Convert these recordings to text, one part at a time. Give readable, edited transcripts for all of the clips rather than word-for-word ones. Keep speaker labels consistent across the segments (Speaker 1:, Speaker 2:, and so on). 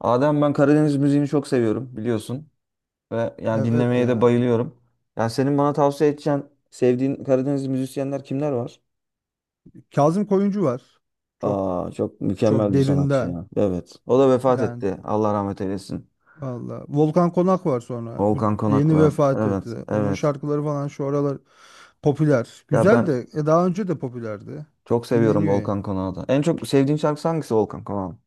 Speaker 1: Adem, ben Karadeniz müziğini çok seviyorum biliyorsun ve yani
Speaker 2: Evet
Speaker 1: dinlemeye de
Speaker 2: ya.
Speaker 1: bayılıyorum. Yani senin bana tavsiye edeceğin sevdiğin Karadeniz müzisyenler kimler var?
Speaker 2: Kazım Koyuncu var. Çok
Speaker 1: Aa, çok
Speaker 2: çok
Speaker 1: mükemmel bir sanatçı
Speaker 2: derinden.
Speaker 1: ya. Evet. O da vefat
Speaker 2: Yani
Speaker 1: etti. Allah rahmet eylesin.
Speaker 2: valla, Volkan Konak var sonra. Bu
Speaker 1: Volkan Konak
Speaker 2: yeni
Speaker 1: var.
Speaker 2: vefat etti.
Speaker 1: Evet,
Speaker 2: Onun
Speaker 1: evet.
Speaker 2: şarkıları falan şu aralar popüler.
Speaker 1: Ya
Speaker 2: Güzel
Speaker 1: ben
Speaker 2: de daha önce de popülerdi.
Speaker 1: çok seviyorum
Speaker 2: Dinleniyor ya.
Speaker 1: Volkan Konak'ı da. En çok sevdiğin şarkısı hangisi Volkan Konak'ın?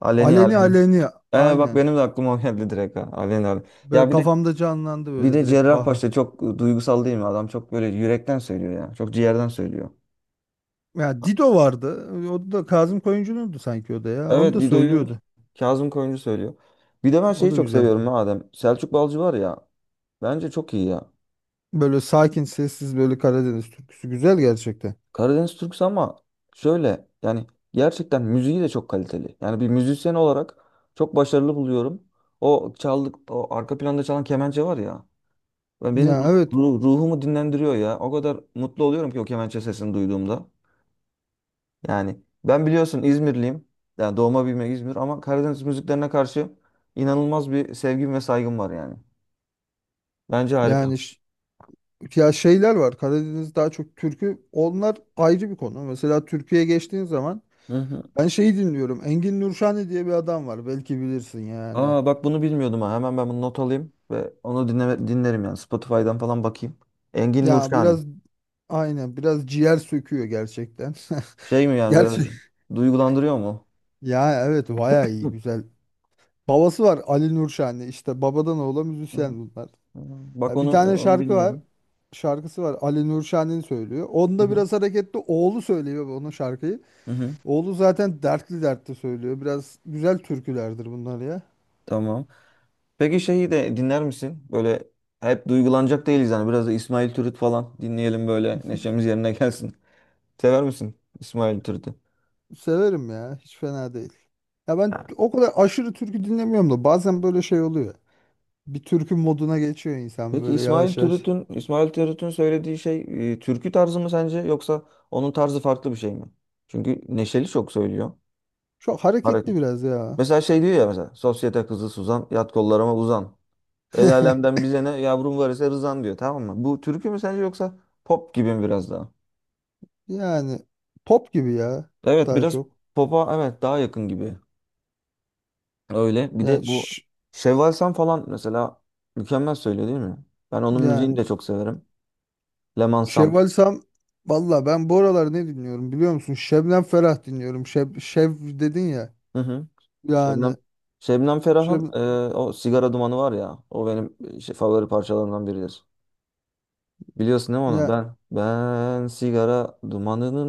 Speaker 1: Aleni
Speaker 2: Aleni
Speaker 1: Aleni.
Speaker 2: Aleni,
Speaker 1: Bak
Speaker 2: aynen.
Speaker 1: benim de aklıma o geldi direkt ha. Aleni Aleni.
Speaker 2: Böyle
Speaker 1: Ya bir de
Speaker 2: kafamda canlandı
Speaker 1: bir
Speaker 2: böyle
Speaker 1: de
Speaker 2: direkt. Bah.
Speaker 1: Cerrahpaşa çok duygusal değil mi? Adam çok böyle yürekten söylüyor ya. Çok ciğerden söylüyor.
Speaker 2: Ya Dido vardı. O da Kazım Koyuncu'nundu sanki o da ya. Onu
Speaker 1: Evet,
Speaker 2: da
Speaker 1: Dido'yu
Speaker 2: söylüyordu.
Speaker 1: Kazım Koyuncu söylüyor. Bir de ben
Speaker 2: O
Speaker 1: şeyi
Speaker 2: da
Speaker 1: çok
Speaker 2: güzel.
Speaker 1: seviyorum ha Adem. Selçuk Balcı var ya. Bence çok iyi ya.
Speaker 2: Böyle sakin, sessiz böyle Karadeniz türküsü güzel gerçekten.
Speaker 1: Karadeniz Türküsü ama şöyle yani gerçekten müziği de çok kaliteli. Yani bir müzisyen olarak çok başarılı buluyorum. O çaldık, o arka planda çalan kemençe var ya. Ben benim
Speaker 2: Ya evet.
Speaker 1: ruhumu dinlendiriyor ya. O kadar mutlu oluyorum ki o kemençe sesini duyduğumda. Yani ben biliyorsun İzmirliyim. Yani doğma büyüme İzmir ama Karadeniz müziklerine karşı inanılmaz bir sevgim ve saygım var yani. Bence harika.
Speaker 2: yani ş- Ya şeyler var. Karadeniz daha çok türkü. Onlar ayrı bir konu. Mesela Türkiye'ye geçtiğin zaman
Speaker 1: Hı hı.
Speaker 2: ben şeyi dinliyorum. Engin Nurşani diye bir adam var. Belki bilirsin yani.
Speaker 1: Aa, bak bunu bilmiyordum ha. Hemen ben bunu not alayım ve onu dinlerim yani. Spotify'dan falan bakayım. Engin
Speaker 2: Ya
Speaker 1: Nurşani.
Speaker 2: biraz, aynen, biraz ciğer söküyor gerçekten.
Speaker 1: Şey mi yani biraz
Speaker 2: Gerçek.
Speaker 1: duygulandırıyor mu?
Speaker 2: Ya evet, bayağı iyi,
Speaker 1: Hı.
Speaker 2: güzel. Babası var, Ali Nurşani. İşte babadan oğula
Speaker 1: Hı hı.
Speaker 2: müzisyen bunlar.
Speaker 1: Bak
Speaker 2: Ya bir
Speaker 1: onu
Speaker 2: tane
Speaker 1: onu
Speaker 2: şarkı var.
Speaker 1: bilmiyordum.
Speaker 2: Şarkısı var. Ali Nurşani söylüyor.
Speaker 1: Hı
Speaker 2: Onda
Speaker 1: hı.
Speaker 2: biraz hareketli, oğlu söylüyor onun şarkıyı.
Speaker 1: Hı hı.
Speaker 2: Oğlu zaten dertli dertli söylüyor. Biraz güzel türkülerdir bunlar ya.
Speaker 1: Tamam. Peki şeyi de dinler misin? Böyle hep duygulanacak değiliz yani. Biraz da İsmail Türüt falan dinleyelim böyle neşemiz yerine gelsin. Sever misin İsmail Türüt'ü?
Speaker 2: Severim ya. Hiç fena değil. Ya ben o kadar aşırı türkü dinlemiyorum da bazen böyle şey oluyor. Bir türkü moduna geçiyor insan
Speaker 1: Peki
Speaker 2: böyle
Speaker 1: İsmail
Speaker 2: yavaş yavaş.
Speaker 1: Türüt'ün İsmail Türüt'ün söylediği şey türkü tarzı mı sence yoksa onun tarzı farklı bir şey mi? Çünkü neşeli çok söylüyor.
Speaker 2: Çok
Speaker 1: Hareket.
Speaker 2: hareketli biraz ya.
Speaker 1: Mesela şey diyor ya, mesela sosyete kızı Suzan yat kollarıma uzan. El alemden bize ne yavrum var ise rızan diyor, tamam mı? Bu türkü mü sence yoksa pop gibi mi biraz daha?
Speaker 2: Yani pop gibi ya,
Speaker 1: Evet,
Speaker 2: daha
Speaker 1: biraz
Speaker 2: çok.
Speaker 1: popa evet daha yakın gibi. Öyle bir de
Speaker 2: Ya
Speaker 1: bu
Speaker 2: ş-
Speaker 1: Şevval Sam falan mesela mükemmel söylüyor değil mi? Ben onun müziğini
Speaker 2: Yani
Speaker 1: de çok severim. Leman Sam.
Speaker 2: Şevval Sam. Valla ben bu aralar ne dinliyorum biliyor musun? Şebnem Ferah dinliyorum. Şev dedin ya.
Speaker 1: Hı hı.
Speaker 2: Yani
Speaker 1: Şebnem. Şebnem
Speaker 2: Şeb
Speaker 1: Ferah'ın o sigara dumanı var ya. O benim şey, favori parçalarımdan biridir. Biliyorsun değil mi onu? Ben ben sigara dumanının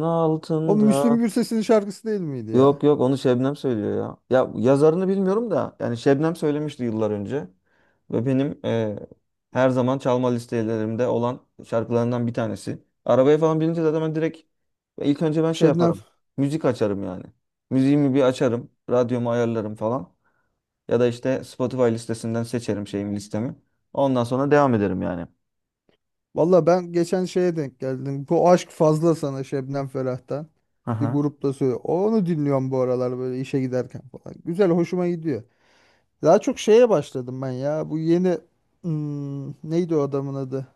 Speaker 2: O Müslüm
Speaker 1: altında.
Speaker 2: Gürses'in şarkısı değil miydi
Speaker 1: Yok,
Speaker 2: ya?
Speaker 1: yok, onu Şebnem söylüyor ya. Ya yazarını bilmiyorum da yani Şebnem söylemişti yıllar önce. Ve benim her zaman çalma listelerimde olan şarkılarından bir tanesi. Arabaya falan binince zaten ben direkt ilk önce ben şey
Speaker 2: Şebnem.
Speaker 1: yaparım. Müzik açarım yani. Müziğimi bir açarım. Radyomu ayarlarım falan. Ya da işte Spotify listesinden seçerim şeyimi listemi. Ondan sonra devam ederim yani.
Speaker 2: Valla ben geçen şeye denk geldim: Bu aşk fazla sana, Şebnem Ferah'tan. Bir
Speaker 1: Aha.
Speaker 2: grupta söylüyor. Onu dinliyorum bu aralar böyle işe giderken falan. Güzel, hoşuma gidiyor. Daha çok şeye başladım ben ya. Bu yeni neydi o adamın adı?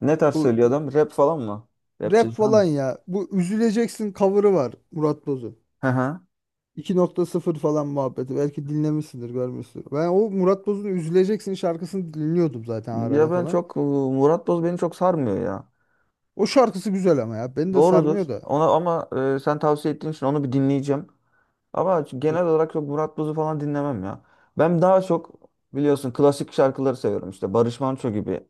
Speaker 1: Ne tarz
Speaker 2: Bu
Speaker 1: söylüyor adam? Rap falan mı?
Speaker 2: rap
Speaker 1: Rapçi falan mı?
Speaker 2: falan ya. Bu Üzüleceksin cover'ı var Murat Boz'un.
Speaker 1: Aha.
Speaker 2: 2.0 falan muhabbeti. Belki dinlemişsindir, görmüşsündür. Ben o Murat Boz'un Üzüleceksin şarkısını dinliyordum zaten arada
Speaker 1: Ya ben
Speaker 2: falan.
Speaker 1: çok Murat Boz beni çok sarmıyor ya.
Speaker 2: O şarkısı güzel ama ya. Beni de
Speaker 1: Doğrudur.
Speaker 2: sarmıyor da.
Speaker 1: Ona ama sen tavsiye ettiğin için onu bir dinleyeceğim. Ama
Speaker 2: Ya,
Speaker 1: genel olarak çok Murat Boz'u falan dinlemem ya. Ben daha çok biliyorsun klasik şarkıları seviyorum işte Barış Manço gibi.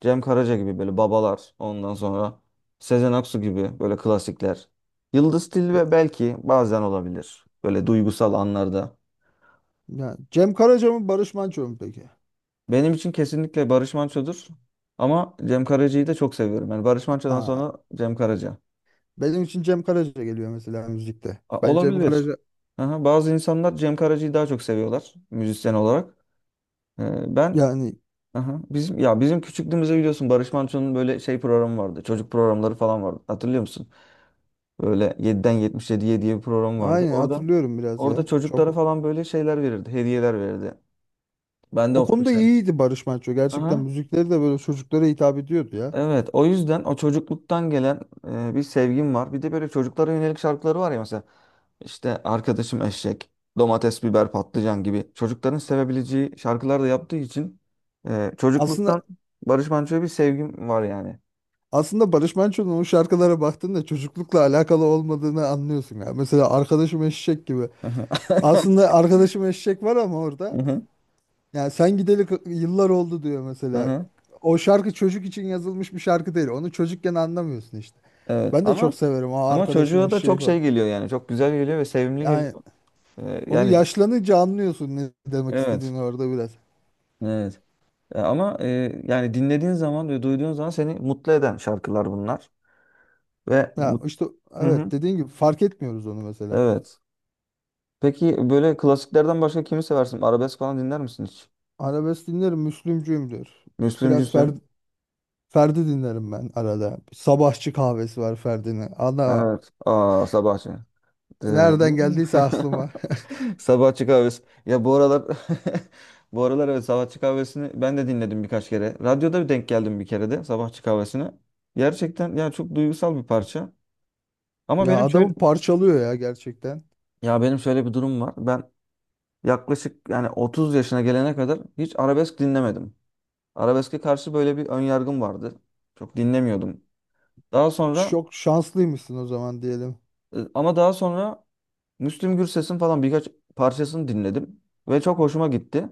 Speaker 1: Cem Karaca gibi böyle babalar. Ondan sonra Sezen Aksu gibi böyle klasikler. Yıldız
Speaker 2: ya-
Speaker 1: Tilbe belki bazen olabilir. Böyle duygusal anlarda.
Speaker 2: ya Cem Karaca mı Barış Manço mu peki?
Speaker 1: Benim için kesinlikle Barış Manço'dur. Ama Cem Karaca'yı da çok seviyorum. Yani Barış Manço'dan
Speaker 2: Aa,
Speaker 1: sonra Cem Karaca.
Speaker 2: benim için Cem Karaca geliyor mesela müzikte. Ben Cem
Speaker 1: Olabilir.
Speaker 2: Karaca,
Speaker 1: Aha, bazı insanlar Cem Karaca'yı daha çok seviyorlar müzisyen olarak. Ben,
Speaker 2: yani
Speaker 1: aha, bizim ya bizim küçüklüğümüzde biliyorsun Barış Manço'nun böyle şey programı vardı. Çocuk programları falan vardı. Hatırlıyor musun? Böyle yediden yetmiş 77'ye diye bir program vardı.
Speaker 2: aynen,
Speaker 1: Orada
Speaker 2: hatırlıyorum biraz
Speaker 1: orada
Speaker 2: ya. Çok
Speaker 1: çocuklara falan böyle şeyler verirdi, hediyeler verirdi. Ben de
Speaker 2: o
Speaker 1: o
Speaker 2: konuda
Speaker 1: işte.
Speaker 2: iyiydi Barış Manço. Gerçekten
Speaker 1: Aha.
Speaker 2: müzikleri de böyle çocuklara hitap ediyordu ya.
Speaker 1: Evet, o yüzden o çocukluktan gelen bir sevgim var. Bir de böyle çocuklara yönelik şarkıları var ya mesela. İşte arkadaşım eşek, domates, biber, patlıcan gibi çocukların sevebileceği şarkılar da yaptığı için çocukluktan
Speaker 2: Aslında
Speaker 1: Barış Manço'ya bir sevgim var yani.
Speaker 2: aslında Barış Manço'nun o şarkılara baktığında çocuklukla alakalı olmadığını anlıyorsun ya. Mesela Arkadaşım Eşek gibi.
Speaker 1: Aha,
Speaker 2: Aslında Arkadaşım Eşek var ama orada
Speaker 1: aha,
Speaker 2: yani sen gideli yıllar oldu diyor mesela.
Speaker 1: aha.
Speaker 2: O şarkı çocuk için yazılmış bir şarkı değil. Onu çocukken anlamıyorsun işte.
Speaker 1: Evet,
Speaker 2: Ben de çok
Speaker 1: ama
Speaker 2: severim o arkadaşım
Speaker 1: çocuğa da
Speaker 2: eşeği
Speaker 1: çok
Speaker 2: falan.
Speaker 1: şey geliyor yani çok güzel geliyor ve sevimli
Speaker 2: Yani
Speaker 1: geliyor.
Speaker 2: onu
Speaker 1: Yani
Speaker 2: yaşlanınca anlıyorsun ne demek
Speaker 1: evet,
Speaker 2: istediğini orada biraz.
Speaker 1: evet. Ama yani dinlediğin zaman ve duyduğun zaman seni mutlu eden şarkılar bunlar ve
Speaker 2: Ya
Speaker 1: mut-
Speaker 2: işte
Speaker 1: hı hı,
Speaker 2: evet, dediğin gibi fark etmiyoruz onu mesela.
Speaker 1: evet. Peki böyle klasiklerden başka kimi seversin? Arabesk falan dinler misin hiç?
Speaker 2: Arabesk dinlerim, Müslümcüyüm diyor. Biraz
Speaker 1: Müslümcüsün.
Speaker 2: Ferdi, Ferdi dinlerim ben arada. Sabahçı kahvesi var Ferdi'nin. Ana
Speaker 1: Evet. Aa, Sabahçı. De-
Speaker 2: nereden geldiyse aklıma.
Speaker 1: Sabahçı kahvesi. Ya bu aralar bu aralar evet Sabahçı kahvesini ben de dinledim birkaç kere. Radyoda bir denk geldim bir kere de Sabahçı kahvesine. Gerçekten ya çok duygusal bir parça. Ama
Speaker 2: Ya
Speaker 1: benim şöyle
Speaker 2: adamı parçalıyor ya gerçekten.
Speaker 1: Ya benim şöyle bir durum var. Ben yaklaşık yani 30 yaşına gelene kadar hiç arabesk dinlemedim. Arabeske karşı böyle bir ön yargım vardı. Çok dinlemiyordum. Daha sonra
Speaker 2: Çok şanslıymışsın o zaman diyelim.
Speaker 1: daha sonra Müslüm Gürses'in falan birkaç parçasını dinledim ve çok hoşuma gitti.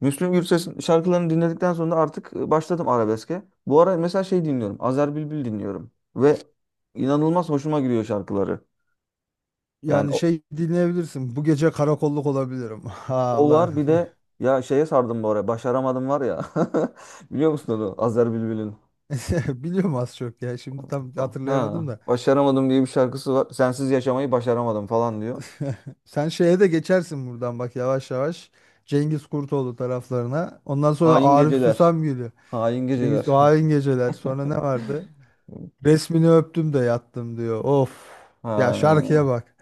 Speaker 1: Müslüm Gürses'in şarkılarını dinledikten sonra artık başladım arabeske. Bu ara mesela şey dinliyorum. Azer Bülbül dinliyorum ve inanılmaz hoşuma gidiyor şarkıları. Yani
Speaker 2: Yani şey dinleyebilirsin: bu gece karakolluk olabilirim. Ha
Speaker 1: o
Speaker 2: ulan.
Speaker 1: var bir de, ya şeye sardım bu ara. Başaramadım var ya. Biliyor musun onu? Azer Bülbül'ün.
Speaker 2: Biliyorum az çok ya. Şimdi tam
Speaker 1: Ha,
Speaker 2: hatırlayamadım da.
Speaker 1: başaramadım diye bir şarkısı var. Sensiz yaşamayı başaramadım falan diyor.
Speaker 2: Sen şeye de geçersin buradan bak yavaş yavaş. Cengiz Kurtoğlu taraflarına. Ondan sonra
Speaker 1: Hain
Speaker 2: Arif
Speaker 1: geceler.
Speaker 2: Susam geliyor.
Speaker 1: Hain geceler.
Speaker 2: Cengiz, o hain geceler. Sonra ne vardı? Resmini öptüm de yattım diyor. Of. Ya şarkıya
Speaker 1: Ha,
Speaker 2: bak.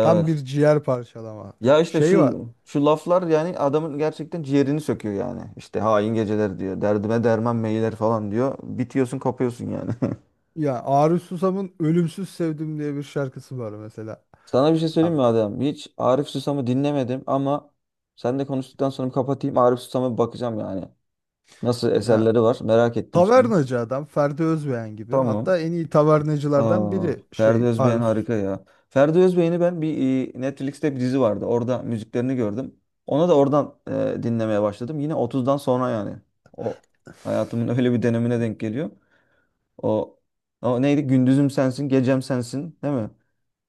Speaker 2: Tam bir ciğer parçalama.
Speaker 1: Ya işte
Speaker 2: Şey var.
Speaker 1: şu laflar yani adamın gerçekten ciğerini söküyor yani. İşte hain geceler diyor. Derdime derman meyler falan diyor. Bitiyorsun, kopuyorsun yani.
Speaker 2: Ya Arif Susam'ın Ölümsüz Sevdim diye bir şarkısı var mesela.
Speaker 1: Sana bir şey
Speaker 2: Ya,
Speaker 1: söyleyeyim mi Adem? Hiç Arif Susam'ı dinlemedim ama sen de konuştuktan sonra bir kapatayım. Arif Susam'a bir bakacağım yani. Nasıl
Speaker 2: ya,
Speaker 1: eserleri var merak ettim şimdi.
Speaker 2: tavernacı adam, Ferdi Özbeğen gibi.
Speaker 1: Tamam.
Speaker 2: Hatta en iyi tavernacılardan
Speaker 1: Aa,
Speaker 2: biri
Speaker 1: Ferdi
Speaker 2: şey,
Speaker 1: Özbeğen
Speaker 2: Arsus.
Speaker 1: harika ya. Ferdi Özbeğen'i ben bir Netflix'te bir dizi vardı. Orada müziklerini gördüm. Ona da oradan dinlemeye başladım. Yine otuzdan sonra yani. O hayatımın öyle bir dönemine denk geliyor. O, o neydi? Gündüzüm sensin, gecem sensin, değil mi?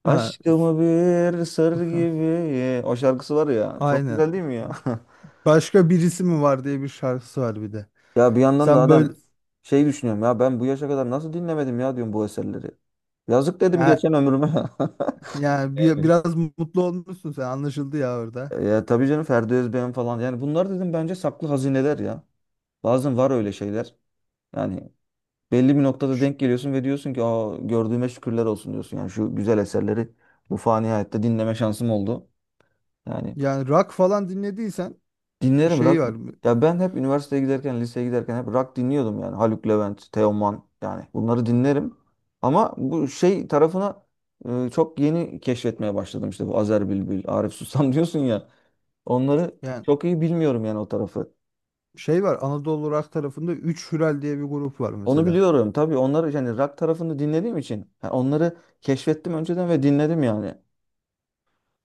Speaker 2: Ha,
Speaker 1: Aşkımı bir sır gibi. O şarkısı var ya. Çok
Speaker 2: aynen.
Speaker 1: güzel değil mi ya?
Speaker 2: Başka birisi mi var diye bir şarkısı var bir de.
Speaker 1: Ya bir yandan da
Speaker 2: Sen böyle,
Speaker 1: adam şey düşünüyorum ya, ben bu yaşa kadar nasıl dinlemedim ya diyorum bu eserleri. Yazık dedim
Speaker 2: ya,
Speaker 1: geçen ömrüme.
Speaker 2: yani bir,
Speaker 1: Evet.
Speaker 2: biraz mutlu olmuşsun sen, anlaşıldı ya orada.
Speaker 1: Ya tabii canım Ferdi Özbeğen falan, yani bunlar dedim bence saklı hazineler ya. Bazen var öyle şeyler. Yani belli bir noktada
Speaker 2: Ş-
Speaker 1: denk geliyorsun ve diyorsun ki aa, gördüğüme şükürler olsun diyorsun. Yani şu güzel eserleri bu fani hayatta dinleme şansım oldu. Yani.
Speaker 2: Yani rock falan dinlediysen bir
Speaker 1: Dinlerim
Speaker 2: şey
Speaker 1: rock.
Speaker 2: var mı?
Speaker 1: Ya ben hep üniversiteye giderken, liseye giderken hep rock dinliyordum yani. Haluk Levent, Teoman, yani bunları dinlerim. Ama bu şey tarafına çok yeni keşfetmeye başladım işte bu Azer Bülbül, Arif Susam diyorsun ya. Onları
Speaker 2: Yani
Speaker 1: çok iyi bilmiyorum yani o tarafı.
Speaker 2: şey var, Anadolu Rock tarafında 3 Hürel diye bir grup var
Speaker 1: Onu
Speaker 2: mesela.
Speaker 1: biliyorum tabii, onları yani rock tarafını dinlediğim için ha, onları keşfettim önceden ve dinledim yani.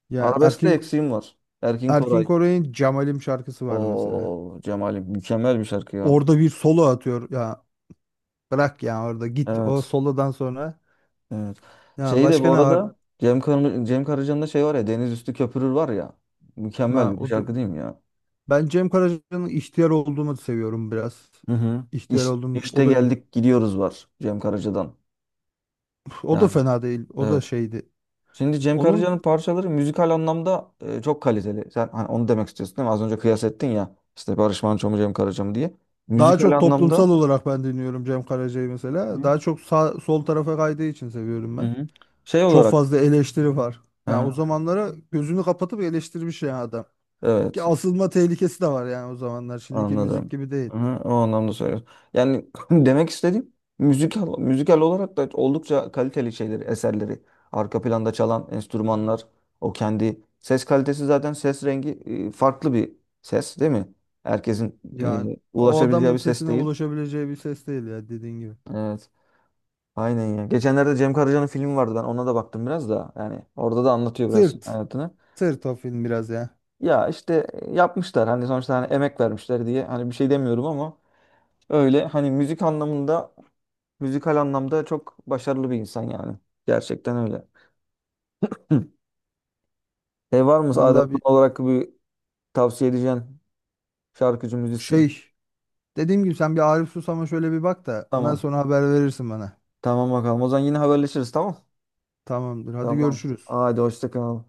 Speaker 2: Yani
Speaker 1: Arabeskte
Speaker 2: Erkin
Speaker 1: eksiğim var. Erkin
Speaker 2: Erkin
Speaker 1: Koray.
Speaker 2: Koray'ın Cemalim şarkısı var mesela.
Speaker 1: O Cemal'im mükemmel bir şarkı ya.
Speaker 2: Orada bir solo atıyor. Ya bırak ya, orada git. O
Speaker 1: Evet.
Speaker 2: solodan sonra.
Speaker 1: Evet.
Speaker 2: Ya
Speaker 1: Şey de
Speaker 2: başka
Speaker 1: bu
Speaker 2: ne var?
Speaker 1: arada Cem Karaca'nın da şey var ya, Deniz Üstü Köpürür var ya.
Speaker 2: Ha,
Speaker 1: Mükemmel bir
Speaker 2: o da-
Speaker 1: şarkı değil mi ya?
Speaker 2: Ben Cem Karaca'nın ihtiyar olduğumu seviyorum biraz.
Speaker 1: Hı hı.
Speaker 2: İhtiyar Oldum.
Speaker 1: İşte
Speaker 2: O da güzel.
Speaker 1: geldik gidiyoruz var Cem Karaca'dan.
Speaker 2: O da
Speaker 1: Yani
Speaker 2: fena değil. O da
Speaker 1: evet.
Speaker 2: şeydi.
Speaker 1: Şimdi Cem
Speaker 2: Onun
Speaker 1: Karaca'nın parçaları müzikal anlamda çok kaliteli. Sen hani onu demek istiyorsun değil mi? Az önce kıyas ettin ya işte Barış Manço mu Cem Karaca mı diye.
Speaker 2: daha
Speaker 1: Müzikal
Speaker 2: çok toplumsal
Speaker 1: anlamda.
Speaker 2: olarak ben dinliyorum Cem Karaca'yı
Speaker 1: Hı.
Speaker 2: mesela.
Speaker 1: Hı
Speaker 2: Daha çok sağ, sol tarafa kaydığı için seviyorum
Speaker 1: hı.
Speaker 2: ben.
Speaker 1: Hı. Şey
Speaker 2: Çok
Speaker 1: olarak.
Speaker 2: fazla eleştiri var. Yani o
Speaker 1: Aha,
Speaker 2: zamanlara gözünü kapatıp eleştirmiş ya adam. Ki
Speaker 1: evet.
Speaker 2: asılma tehlikesi de var yani o zamanlar. Şimdiki müzik
Speaker 1: Anladım.
Speaker 2: gibi değil.
Speaker 1: Aha, o anlamda söylüyorum. Yani demek istediğim müzikal olarak da oldukça kaliteli şeyleri, eserleri. Arka planda çalan enstrümanlar, o kendi ses kalitesi zaten ses rengi farklı bir ses değil mi? Herkesin
Speaker 2: Yani o
Speaker 1: ulaşabileceği
Speaker 2: adamın
Speaker 1: bir ses
Speaker 2: sesine
Speaker 1: değil.
Speaker 2: ulaşabileceği bir ses değil ya, dediğin gibi.
Speaker 1: Evet. Aynen ya. Geçenlerde Cem Karaca'nın filmi vardı. Ben ona da baktım biraz da. Yani orada da anlatıyor biraz
Speaker 2: Sırt.
Speaker 1: hayatını.
Speaker 2: Sırt o film biraz ya.
Speaker 1: Ya işte yapmışlar. Hani sonuçta hani emek vermişler diye. Hani bir şey demiyorum ama öyle hani Müzikal anlamda çok başarılı bir insan yani. Gerçekten öyle. Hı. Şey var mı Adem
Speaker 2: Vallahi bir
Speaker 1: son olarak bir tavsiye edeceğin şarkıcı, müzisyen?
Speaker 2: şey. Dediğim gibi, sen bir Arif Susam'a şöyle bir bak da ondan
Speaker 1: Tamam.
Speaker 2: sonra haber verirsin bana.
Speaker 1: Tamam bakalım. O zaman yine haberleşiriz, tamam?
Speaker 2: Tamamdır. Hadi
Speaker 1: Tamam.
Speaker 2: görüşürüz.
Speaker 1: Hadi hoşça kal.